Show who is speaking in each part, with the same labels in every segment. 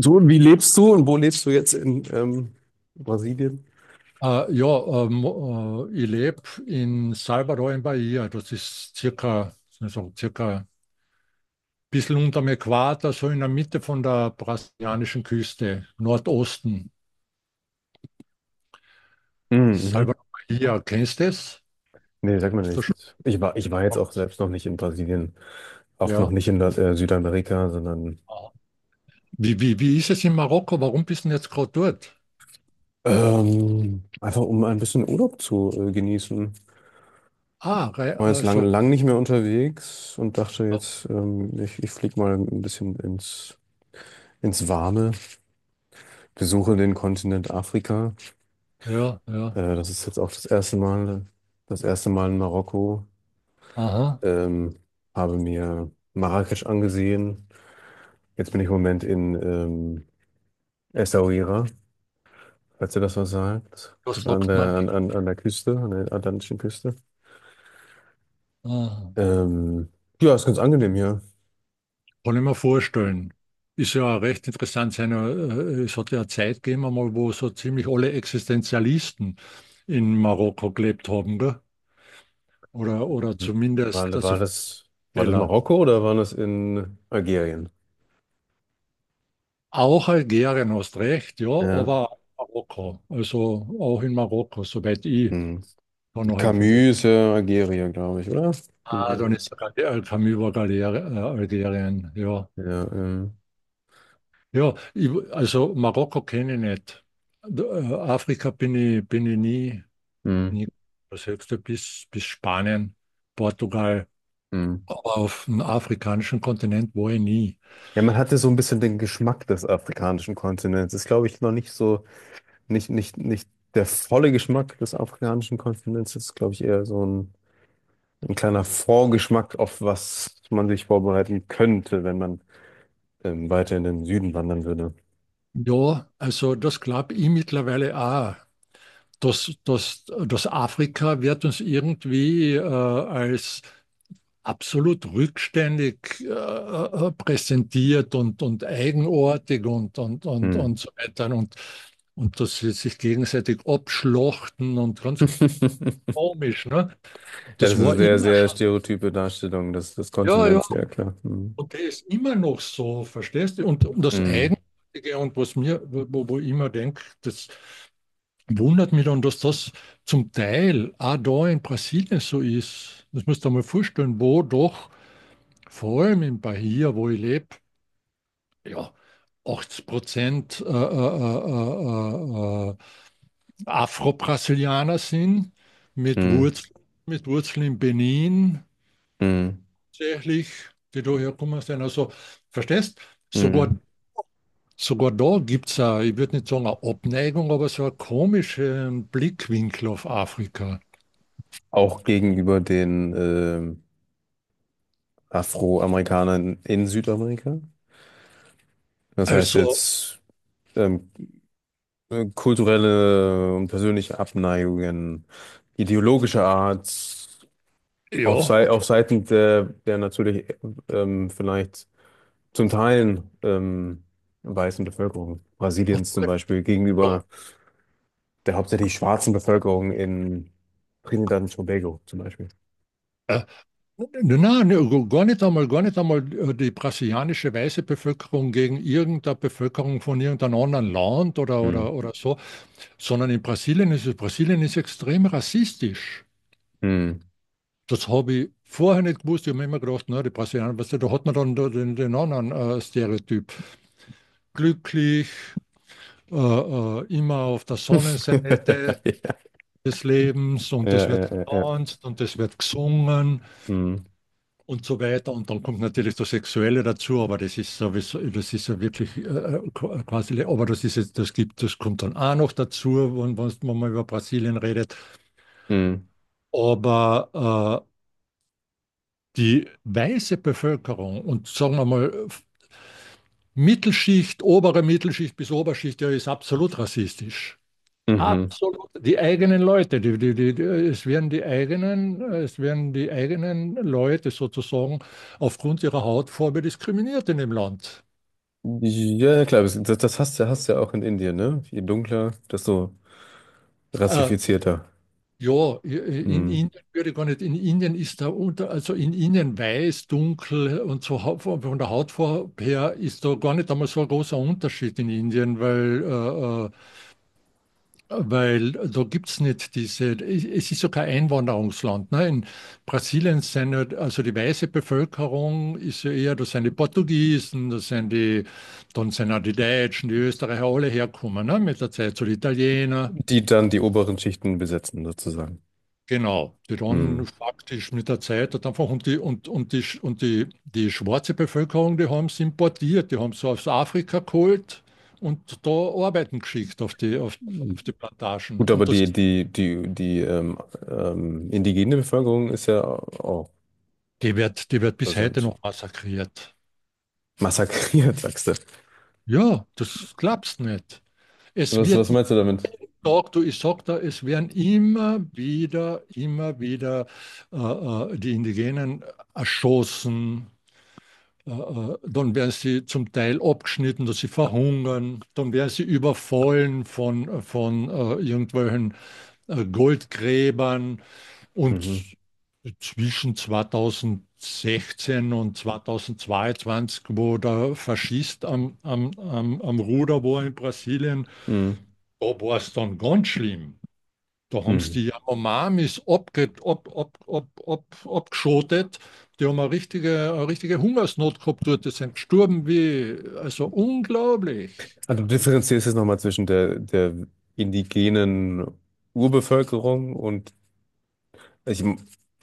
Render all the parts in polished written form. Speaker 1: So, wie lebst du und wo lebst du jetzt in Brasilien?
Speaker 2: Ja, ich lebe in Salvador in Bahia. Das ist circa, also circa ein bisschen unter dem Äquator, so in der Mitte von der brasilianischen Küste, Nordosten.
Speaker 1: Mhm, mhm.
Speaker 2: Salvador Bahia, kennst du das?
Speaker 1: Nee, sag mal
Speaker 2: Hast du schon
Speaker 1: nichts. Ich war jetzt auch
Speaker 2: gehört?
Speaker 1: selbst noch nicht in Brasilien, auch noch
Speaker 2: Ja.
Speaker 1: nicht in Südamerika, sondern
Speaker 2: Wie ist es in Marokko? Warum bist du denn jetzt gerade dort?
Speaker 1: einfach um ein bisschen Urlaub zu genießen. War jetzt
Speaker 2: Also,
Speaker 1: lang nicht mehr unterwegs und dachte jetzt, ich flieg mal ein bisschen ins Warme, besuche den Kontinent Afrika.
Speaker 2: ja, ja,
Speaker 1: Das ist jetzt auch das erste Mal in Marokko.
Speaker 2: aha,
Speaker 1: Ähm, Habe mir Marrakesch angesehen. Jetzt bin ich im Moment in Essaouira, falls ihr das was sagt. Das
Speaker 2: das
Speaker 1: ist
Speaker 2: sagt man nicht.
Speaker 1: an der Küste, an der atlantischen Küste.
Speaker 2: Aha.
Speaker 1: Ähm, ja, ist ganz angenehm hier.
Speaker 2: Kann ich mir vorstellen. Ist ja recht interessant. Es hat ja eine Zeit gegeben, einmal, wo so ziemlich alle Existenzialisten in Marokko gelebt haben, gell? Oder zumindest,
Speaker 1: War,
Speaker 2: also
Speaker 1: war das, war das
Speaker 2: Fehler.
Speaker 1: Marokko oder war das in Algerien?
Speaker 2: Auch Algerien, hast recht, ja,
Speaker 1: Ja.
Speaker 2: aber auch Marokko. Also auch in Marokko, soweit ich
Speaker 1: Hm.
Speaker 2: da noch informiert bin.
Speaker 1: Camus, ist ja Algerien, glaube ich, oder?
Speaker 2: Ah, dann ist sogar die Camus war Algerien, ja.
Speaker 1: Ja,
Speaker 2: Ja, ich, also Marokko kenne ich nicht. Da, Afrika bin ich nie.
Speaker 1: hm,
Speaker 2: Nie das höchste bis Spanien, Portugal,
Speaker 1: hm.
Speaker 2: aber auf dem afrikanischen Kontinent war ich nie.
Speaker 1: Ja, man hatte so ein bisschen den Geschmack des afrikanischen Kontinents. Ist, glaube ich, noch nicht so nicht der volle Geschmack des afrikanischen Kontinents, ist, glaube ich, eher so ein kleiner Vorgeschmack auf was man sich vorbereiten könnte, wenn man weiter in den Süden wandern würde.
Speaker 2: Ja, also das glaube ich mittlerweile auch. Das Afrika wird uns irgendwie als absolut rückständig präsentiert und eigenartig und, und, und,
Speaker 1: Hm.
Speaker 2: und so weiter. Und dass sie sich gegenseitig abschlachten und ganz komisch. Ne?
Speaker 1: Ja, das
Speaker 2: Das
Speaker 1: ist eine
Speaker 2: war
Speaker 1: sehr,
Speaker 2: immer
Speaker 1: sehr
Speaker 2: schon.
Speaker 1: stereotype Darstellung des, des
Speaker 2: Ja, ja.
Speaker 1: Kontinents, ja klar. Hm.
Speaker 2: Und der ist immer noch so, verstehst du? Und das
Speaker 1: Hm.
Speaker 2: Eigenartige und was mir, wo ich immer denke, das wundert mich dann, dass das zum Teil auch da in Brasilien so ist. Das musst du dir mal vorstellen, wo doch, vor allem in Bahia, wo ich lebe, ja, 80% Afro-Brasilianer sind, mit
Speaker 1: Hm.
Speaker 2: Wurzeln, mit Wurzeln in Benin,
Speaker 1: Hm.
Speaker 2: tatsächlich, die da herkommen sind. Also, verstehst du? Sogar
Speaker 1: Hm.
Speaker 2: Sogar da gibt es auch, ich würde nicht sagen eine Abneigung, aber so einen komischen Blickwinkel auf Afrika.
Speaker 1: Auch gegenüber den Afroamerikanern in Südamerika. Das heißt
Speaker 2: Also,
Speaker 1: jetzt ähm, kulturelle und persönliche Abneigungen, ideologischer Art,
Speaker 2: ja,
Speaker 1: sei
Speaker 2: auf,
Speaker 1: auf Seiten der, der natürlich vielleicht zum Teil weißen Bevölkerung
Speaker 2: auf
Speaker 1: Brasiliens zum
Speaker 2: alle
Speaker 1: Beispiel
Speaker 2: Fälle,
Speaker 1: gegenüber der hauptsächlich schwarzen Bevölkerung in Trinidad und Tobago zum Beispiel.
Speaker 2: ja. Nein, nein, nein, gar nicht einmal die brasilianische weiße Bevölkerung gegen irgendeine Bevölkerung von irgendeinem anderen Land oder,
Speaker 1: Hm.
Speaker 2: oder, oder so, sondern in Brasilien ist es, Brasilien ist extrem rassistisch.
Speaker 1: Hm.
Speaker 2: Das habe ich vorher nicht gewusst. Ich habe mir immer gedacht, na, die Brasilianer, weißt du, da hat man dann da den, den anderen Stereotyp. Glücklich, immer auf der Sonnenseite des Lebens
Speaker 1: Ja,
Speaker 2: und es
Speaker 1: ja,
Speaker 2: wird
Speaker 1: ja, ja, ja.
Speaker 2: getanzt und es wird gesungen
Speaker 1: Hm.
Speaker 2: und so weiter. Und dann kommt natürlich das Sexuelle dazu, aber das ist sowieso, das ist ja wirklich quasi, aber das ist jetzt, das gibt, das kommt dann auch noch dazu, wenn man über Brasilien redet.
Speaker 1: Hm.
Speaker 2: Aber die weiße Bevölkerung und sagen wir mal, Mittelschicht, obere Mittelschicht bis Oberschicht, ja, ist absolut rassistisch.
Speaker 1: Mhm.
Speaker 2: Absolut, die eigenen Leute, es werden es werden die eigenen Leute sozusagen aufgrund ihrer Hautfarbe diskriminiert in dem Land.
Speaker 1: Ja, klar, das, das hast, hast du ja auch in Indien, ne? Je dunkler, desto
Speaker 2: Äh,
Speaker 1: rassifizierter.
Speaker 2: ja, in
Speaker 1: Hm.
Speaker 2: Indien würde ich gar nicht, in Indien ist da unter, also in Indien weiß, dunkel und so von der Hautfarbe her ist da gar nicht einmal so ein großer Unterschied in Indien, weil da gibt es nicht diese, es ist ja kein Einwanderungsland. Ne? In Brasilien sind ja, also die weiße Bevölkerung ist ja eher, das sind die Portugiesen, das sind die, dann sind auch die Deutschen, die Österreicher, alle herkommen, ne? Mit der Zeit, so die Italiener.
Speaker 1: Die dann die oberen Schichten besetzen, sozusagen.
Speaker 2: Genau, die dann
Speaker 1: Hm.
Speaker 2: faktisch mit der Zeit hat einfach und die und die und die, die schwarze Bevölkerung, die haben es importiert, die haben es aus Afrika geholt und da arbeiten geschickt auf die Plantagen.
Speaker 1: Gut, aber
Speaker 2: Und das.
Speaker 1: die indigene Bevölkerung ist ja auch
Speaker 2: Die wird bis heute
Speaker 1: präsent.
Speaker 2: noch massakriert.
Speaker 1: Massakriert, sagst du.
Speaker 2: Ja, das glaubst nicht. Es
Speaker 1: Was,
Speaker 2: wird
Speaker 1: was
Speaker 2: jeden
Speaker 1: meinst du damit?
Speaker 2: Tag, du, ich sag da, es werden immer wieder die Indigenen erschossen. Dann werden sie zum Teil abgeschnitten, dass sie verhungern. Dann werden sie überfallen von irgendwelchen Goldgräbern. Und
Speaker 1: Mhm.
Speaker 2: zwischen 2016 und 2022, wo der Faschist am Ruder war in Brasilien,
Speaker 1: Mhm.
Speaker 2: da war es dann ganz schlimm. Da haben
Speaker 1: Mhm.
Speaker 2: sie die Yanomamis abgeschotet. Die haben eine richtige Hungersnot gehabt dort. Die sind gestorben wie, also unglaublich.
Speaker 1: Also du differenzierst jetzt nochmal zwischen der indigenen Urbevölkerung und ich,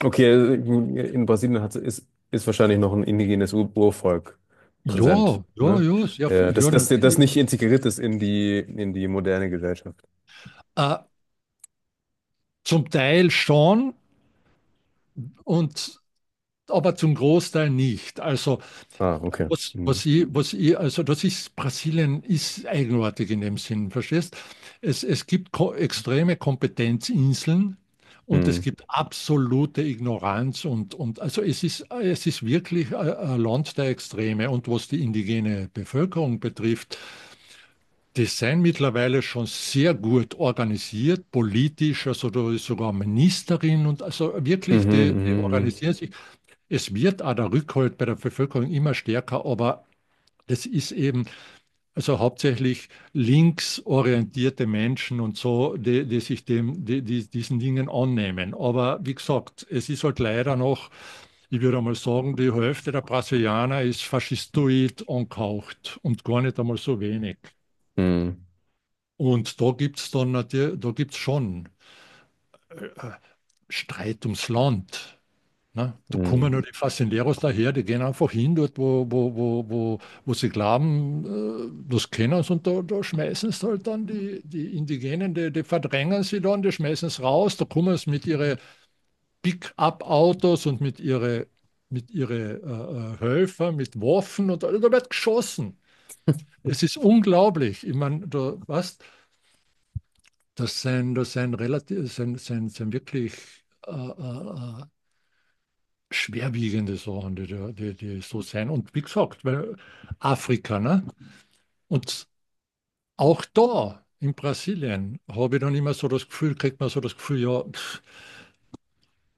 Speaker 1: okay, in Brasilien ist wahrscheinlich noch ein indigenes Ur Urvolk präsent,
Speaker 2: Ja, ja,
Speaker 1: ne?
Speaker 2: ja, sehr
Speaker 1: Ja,
Speaker 2: viel. Ja,
Speaker 1: das
Speaker 2: natürlich.
Speaker 1: nicht integriert ist in in die moderne Gesellschaft.
Speaker 2: Äh, Zum Teil schon. Und aber zum Großteil nicht. Also,
Speaker 1: Ah, okay.
Speaker 2: was,
Speaker 1: Mhm.
Speaker 2: was ich, also das ist, Brasilien ist eigenartig in dem Sinn, verstehst? Es gibt ko extreme Kompetenzinseln und es
Speaker 1: Mhm.
Speaker 2: gibt absolute Ignoranz und also es ist wirklich ein Land der Extreme. Und was die indigene Bevölkerung betrifft, die sind mittlerweile schon sehr gut organisiert, politisch, also da ist sogar eine Ministerin und also
Speaker 1: Mhm,
Speaker 2: wirklich, die
Speaker 1: mhm,
Speaker 2: organisieren sich. Es wird auch der Rückhalt bei der Bevölkerung immer stärker, aber das ist eben also hauptsächlich linksorientierte Menschen und so, die sich dem, diesen Dingen annehmen. Aber wie gesagt, es ist halt leider noch, ich würde einmal sagen, die Hälfte der Brasilianer ist faschistoid angehaucht und gar nicht einmal so wenig.
Speaker 1: mhm,
Speaker 2: Und da gibt es dann natürlich, da gibt's schon äh, Streit ums Land. Ne? Da kommen ja
Speaker 1: mhm,
Speaker 2: nur die Faszineros daher, die gehen einfach hin, dort, wo sie glauben, das kennen sie, und da schmeißen sie halt dann die, die Indigenen, die verdrängen sie dann, die schmeißen es raus, da kommen sie mit ihren Pick-up-Autos und mit ihren Helfern, mit Waffen und da wird geschossen. Es ist unglaublich. Ich meine, da, was, das sind relativ, sind wirklich schwerwiegende Sachen, die so sein. Und wie gesagt, weil Afrika, ne? Und auch da in Brasilien habe ich dann immer so das Gefühl, kriegt man so das Gefühl, ja, pff,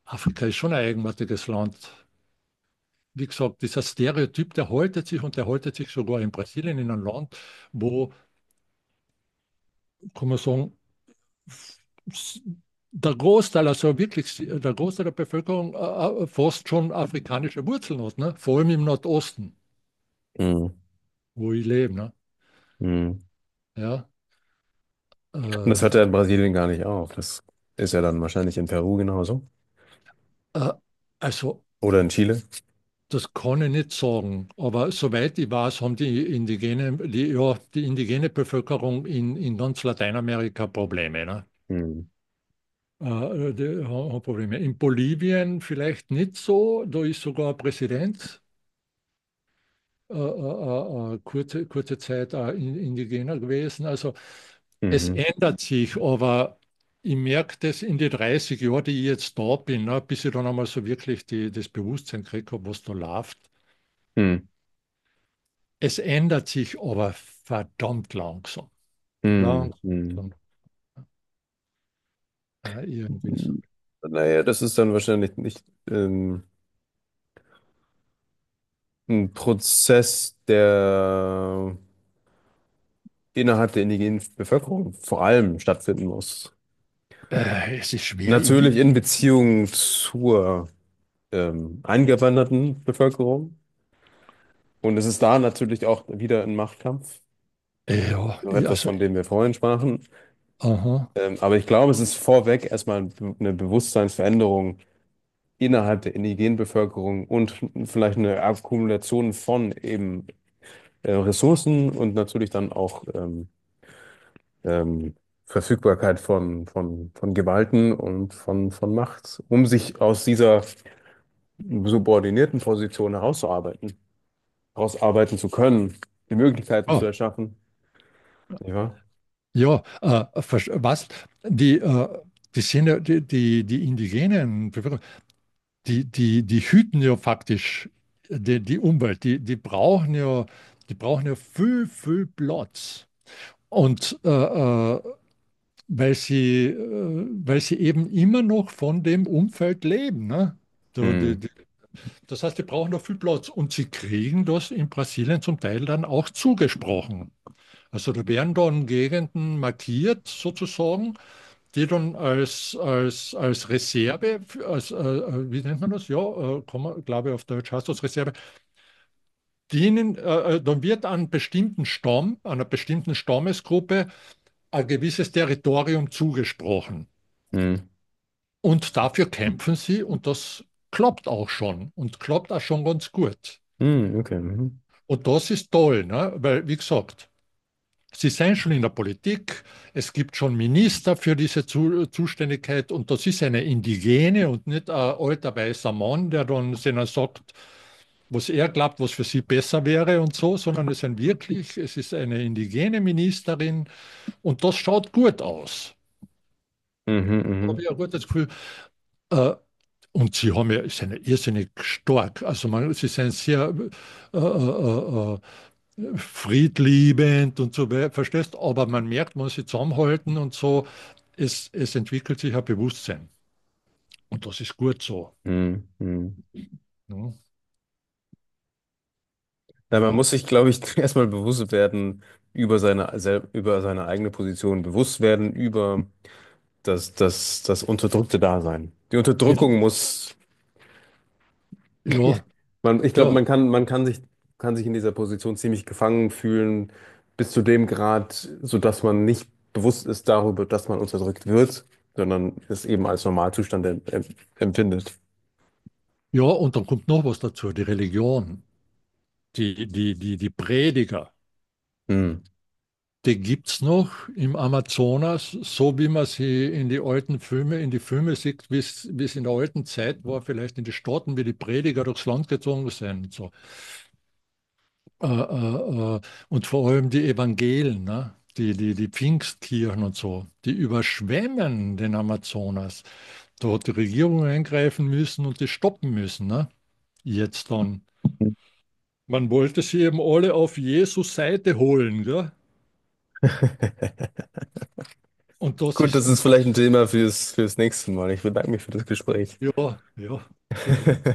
Speaker 2: Afrika ist schon ein eigenartiges Land. Wie gesagt, dieser Stereotyp, der haltet sich und der haltet sich sogar in Brasilien, in einem Land, wo, kann man sagen, s- der Großteil, also wirklich der Großteil der Bevölkerung fast schon afrikanische Wurzeln hat, ne? Vor allem im Nordosten,
Speaker 1: mhm,
Speaker 2: wo ich lebe, ne?
Speaker 1: mhm.
Speaker 2: Ja.
Speaker 1: Und das hört ja
Speaker 2: Äh,
Speaker 1: in Brasilien gar nicht auf. Das ist ja dann wahrscheinlich in Peru genauso.
Speaker 2: äh, also,
Speaker 1: Oder in Chile.
Speaker 2: das kann ich nicht sagen. Aber soweit ich weiß, haben ja, die indigene Bevölkerung in ganz Lateinamerika Probleme. Ne?
Speaker 1: Mhm.
Speaker 2: Die haben Probleme. In Bolivien vielleicht nicht so. Da ist sogar ein Präsident kurze, kurze Zeit indigener gewesen. Also es
Speaker 1: Mhm.
Speaker 2: ändert sich, aber ich merke das in den 30 Jahren, die ich jetzt da bin, ne, bis ich dann einmal so wirklich das Bewusstsein gekriegt habe, was da läuft.
Speaker 1: Mhm.
Speaker 2: Es ändert sich aber verdammt langsam.
Speaker 1: Mhm.
Speaker 2: Langsam.
Speaker 1: Mhm.
Speaker 2: Irgendwie so.
Speaker 1: Naja, das ist dann wahrscheinlich nicht. Ähm, Ein Prozess, der innerhalb der indigenen Bevölkerung vor allem stattfinden muss.
Speaker 2: Es ist schwer. Ich,
Speaker 1: Natürlich in Beziehung zur eingewanderten Bevölkerung. Und es ist da natürlich auch wieder ein Machtkampf.
Speaker 2: ja,
Speaker 1: Noch
Speaker 2: ich,
Speaker 1: etwas,
Speaker 2: also,
Speaker 1: von dem wir vorhin sprachen.
Speaker 2: aha.
Speaker 1: Aber ich glaube, es ist vorweg erstmal ein eine Bewusstseinsveränderung innerhalb der indigenen Bevölkerung und vielleicht eine Akkumulation von eben Ressourcen und natürlich dann auch ähm, Verfügbarkeit von Gewalten und von Macht, um sich aus dieser subordinierten Position herauszuarbeiten, herausarbeiten zu können, die Möglichkeiten
Speaker 2: Ah,
Speaker 1: zu erschaffen. Ja, wahr?
Speaker 2: ja, was? Die, die indigenen Bevölkerung, die hüten ja faktisch die Umwelt. Die, die brauchen ja viel, viel Platz. Und weil sie eben immer noch von dem Umfeld leben. Ne? So,
Speaker 1: Hm,
Speaker 2: das heißt, die brauchen noch viel Platz und sie kriegen das in Brasilien zum Teil dann auch zugesprochen. Also da werden dann Gegenden markiert sozusagen, die dann als Reserve, wie nennt man das? Ja, Komma, glaube ich, auf Deutsch heißt das Reserve, dienen, dann wird an bestimmten Stamm, einer bestimmten Stammesgruppe ein gewisses Territorium zugesprochen.
Speaker 1: hm,
Speaker 2: Und dafür kämpfen sie und das klappt auch schon und klappt auch schon ganz gut.
Speaker 1: hm, okay. Mhm,
Speaker 2: Und das ist toll, ne? Weil, wie gesagt, sie sind schon in der Politik, es gibt schon Minister für diese Zu Zuständigkeit und das ist eine Indigene und nicht ein alter weißer Mann, der dann denen sagt, was er glaubt, was für sie besser wäre und so, sondern es sind wirklich, es ist eine indigene Ministerin und das schaut gut aus,
Speaker 1: mhm,
Speaker 2: habe
Speaker 1: mhm,
Speaker 2: ich ein gutes Gefühl. äh, Und sie haben ja, sind ja irrsinnig stark. Also man, sie sind sehr äh, äh, äh, friedliebend und so weiter, verstehst? Aber man merkt, wenn sie zusammenhalten und so, es entwickelt sich ein Bewusstsein. Und das ist gut so.
Speaker 1: mhm, mhm.
Speaker 2: Ne?
Speaker 1: Ja, man
Speaker 2: Ja,
Speaker 1: muss sich, glaube ich, erstmal bewusst werden, über seine eigene Position bewusst werden, über das unterdrückte Dasein. Die
Speaker 2: Gen-
Speaker 1: Unterdrückung muss
Speaker 2: ja,
Speaker 1: man, ich glaube,
Speaker 2: ja,
Speaker 1: man kann sich in dieser Position ziemlich gefangen fühlen, bis zu dem Grad, sodass man nicht bewusst ist darüber, dass man unterdrückt wird, sondern es eben als Normalzustand empfindet.
Speaker 2: ja. Und dann kommt noch was dazu, die Religion, die Prediger.
Speaker 1: Hm.
Speaker 2: Die gibt's noch im Amazonas, so wie man sie in die alten Filme, in die Filme sieht, wie es in der alten Zeit war, vielleicht in die Staaten, wie die Prediger durchs Land gezogen sind, und so. Äh, äh, äh, und vor allem die Evangelen, ne? Die Pfingstkirchen und so, die überschwemmen den Amazonas. Da hat die Regierung eingreifen müssen und die stoppen müssen. Ne? Jetzt dann. Man wollte sie eben alle auf Jesus Seite holen. Gell? Und das
Speaker 1: Gut,
Speaker 2: ist,
Speaker 1: das ist
Speaker 2: und
Speaker 1: vielleicht ein
Speaker 2: das,
Speaker 1: Thema fürs nächste Mal. Ich bedanke mich für das Gespräch.
Speaker 2: ja, ja, okay.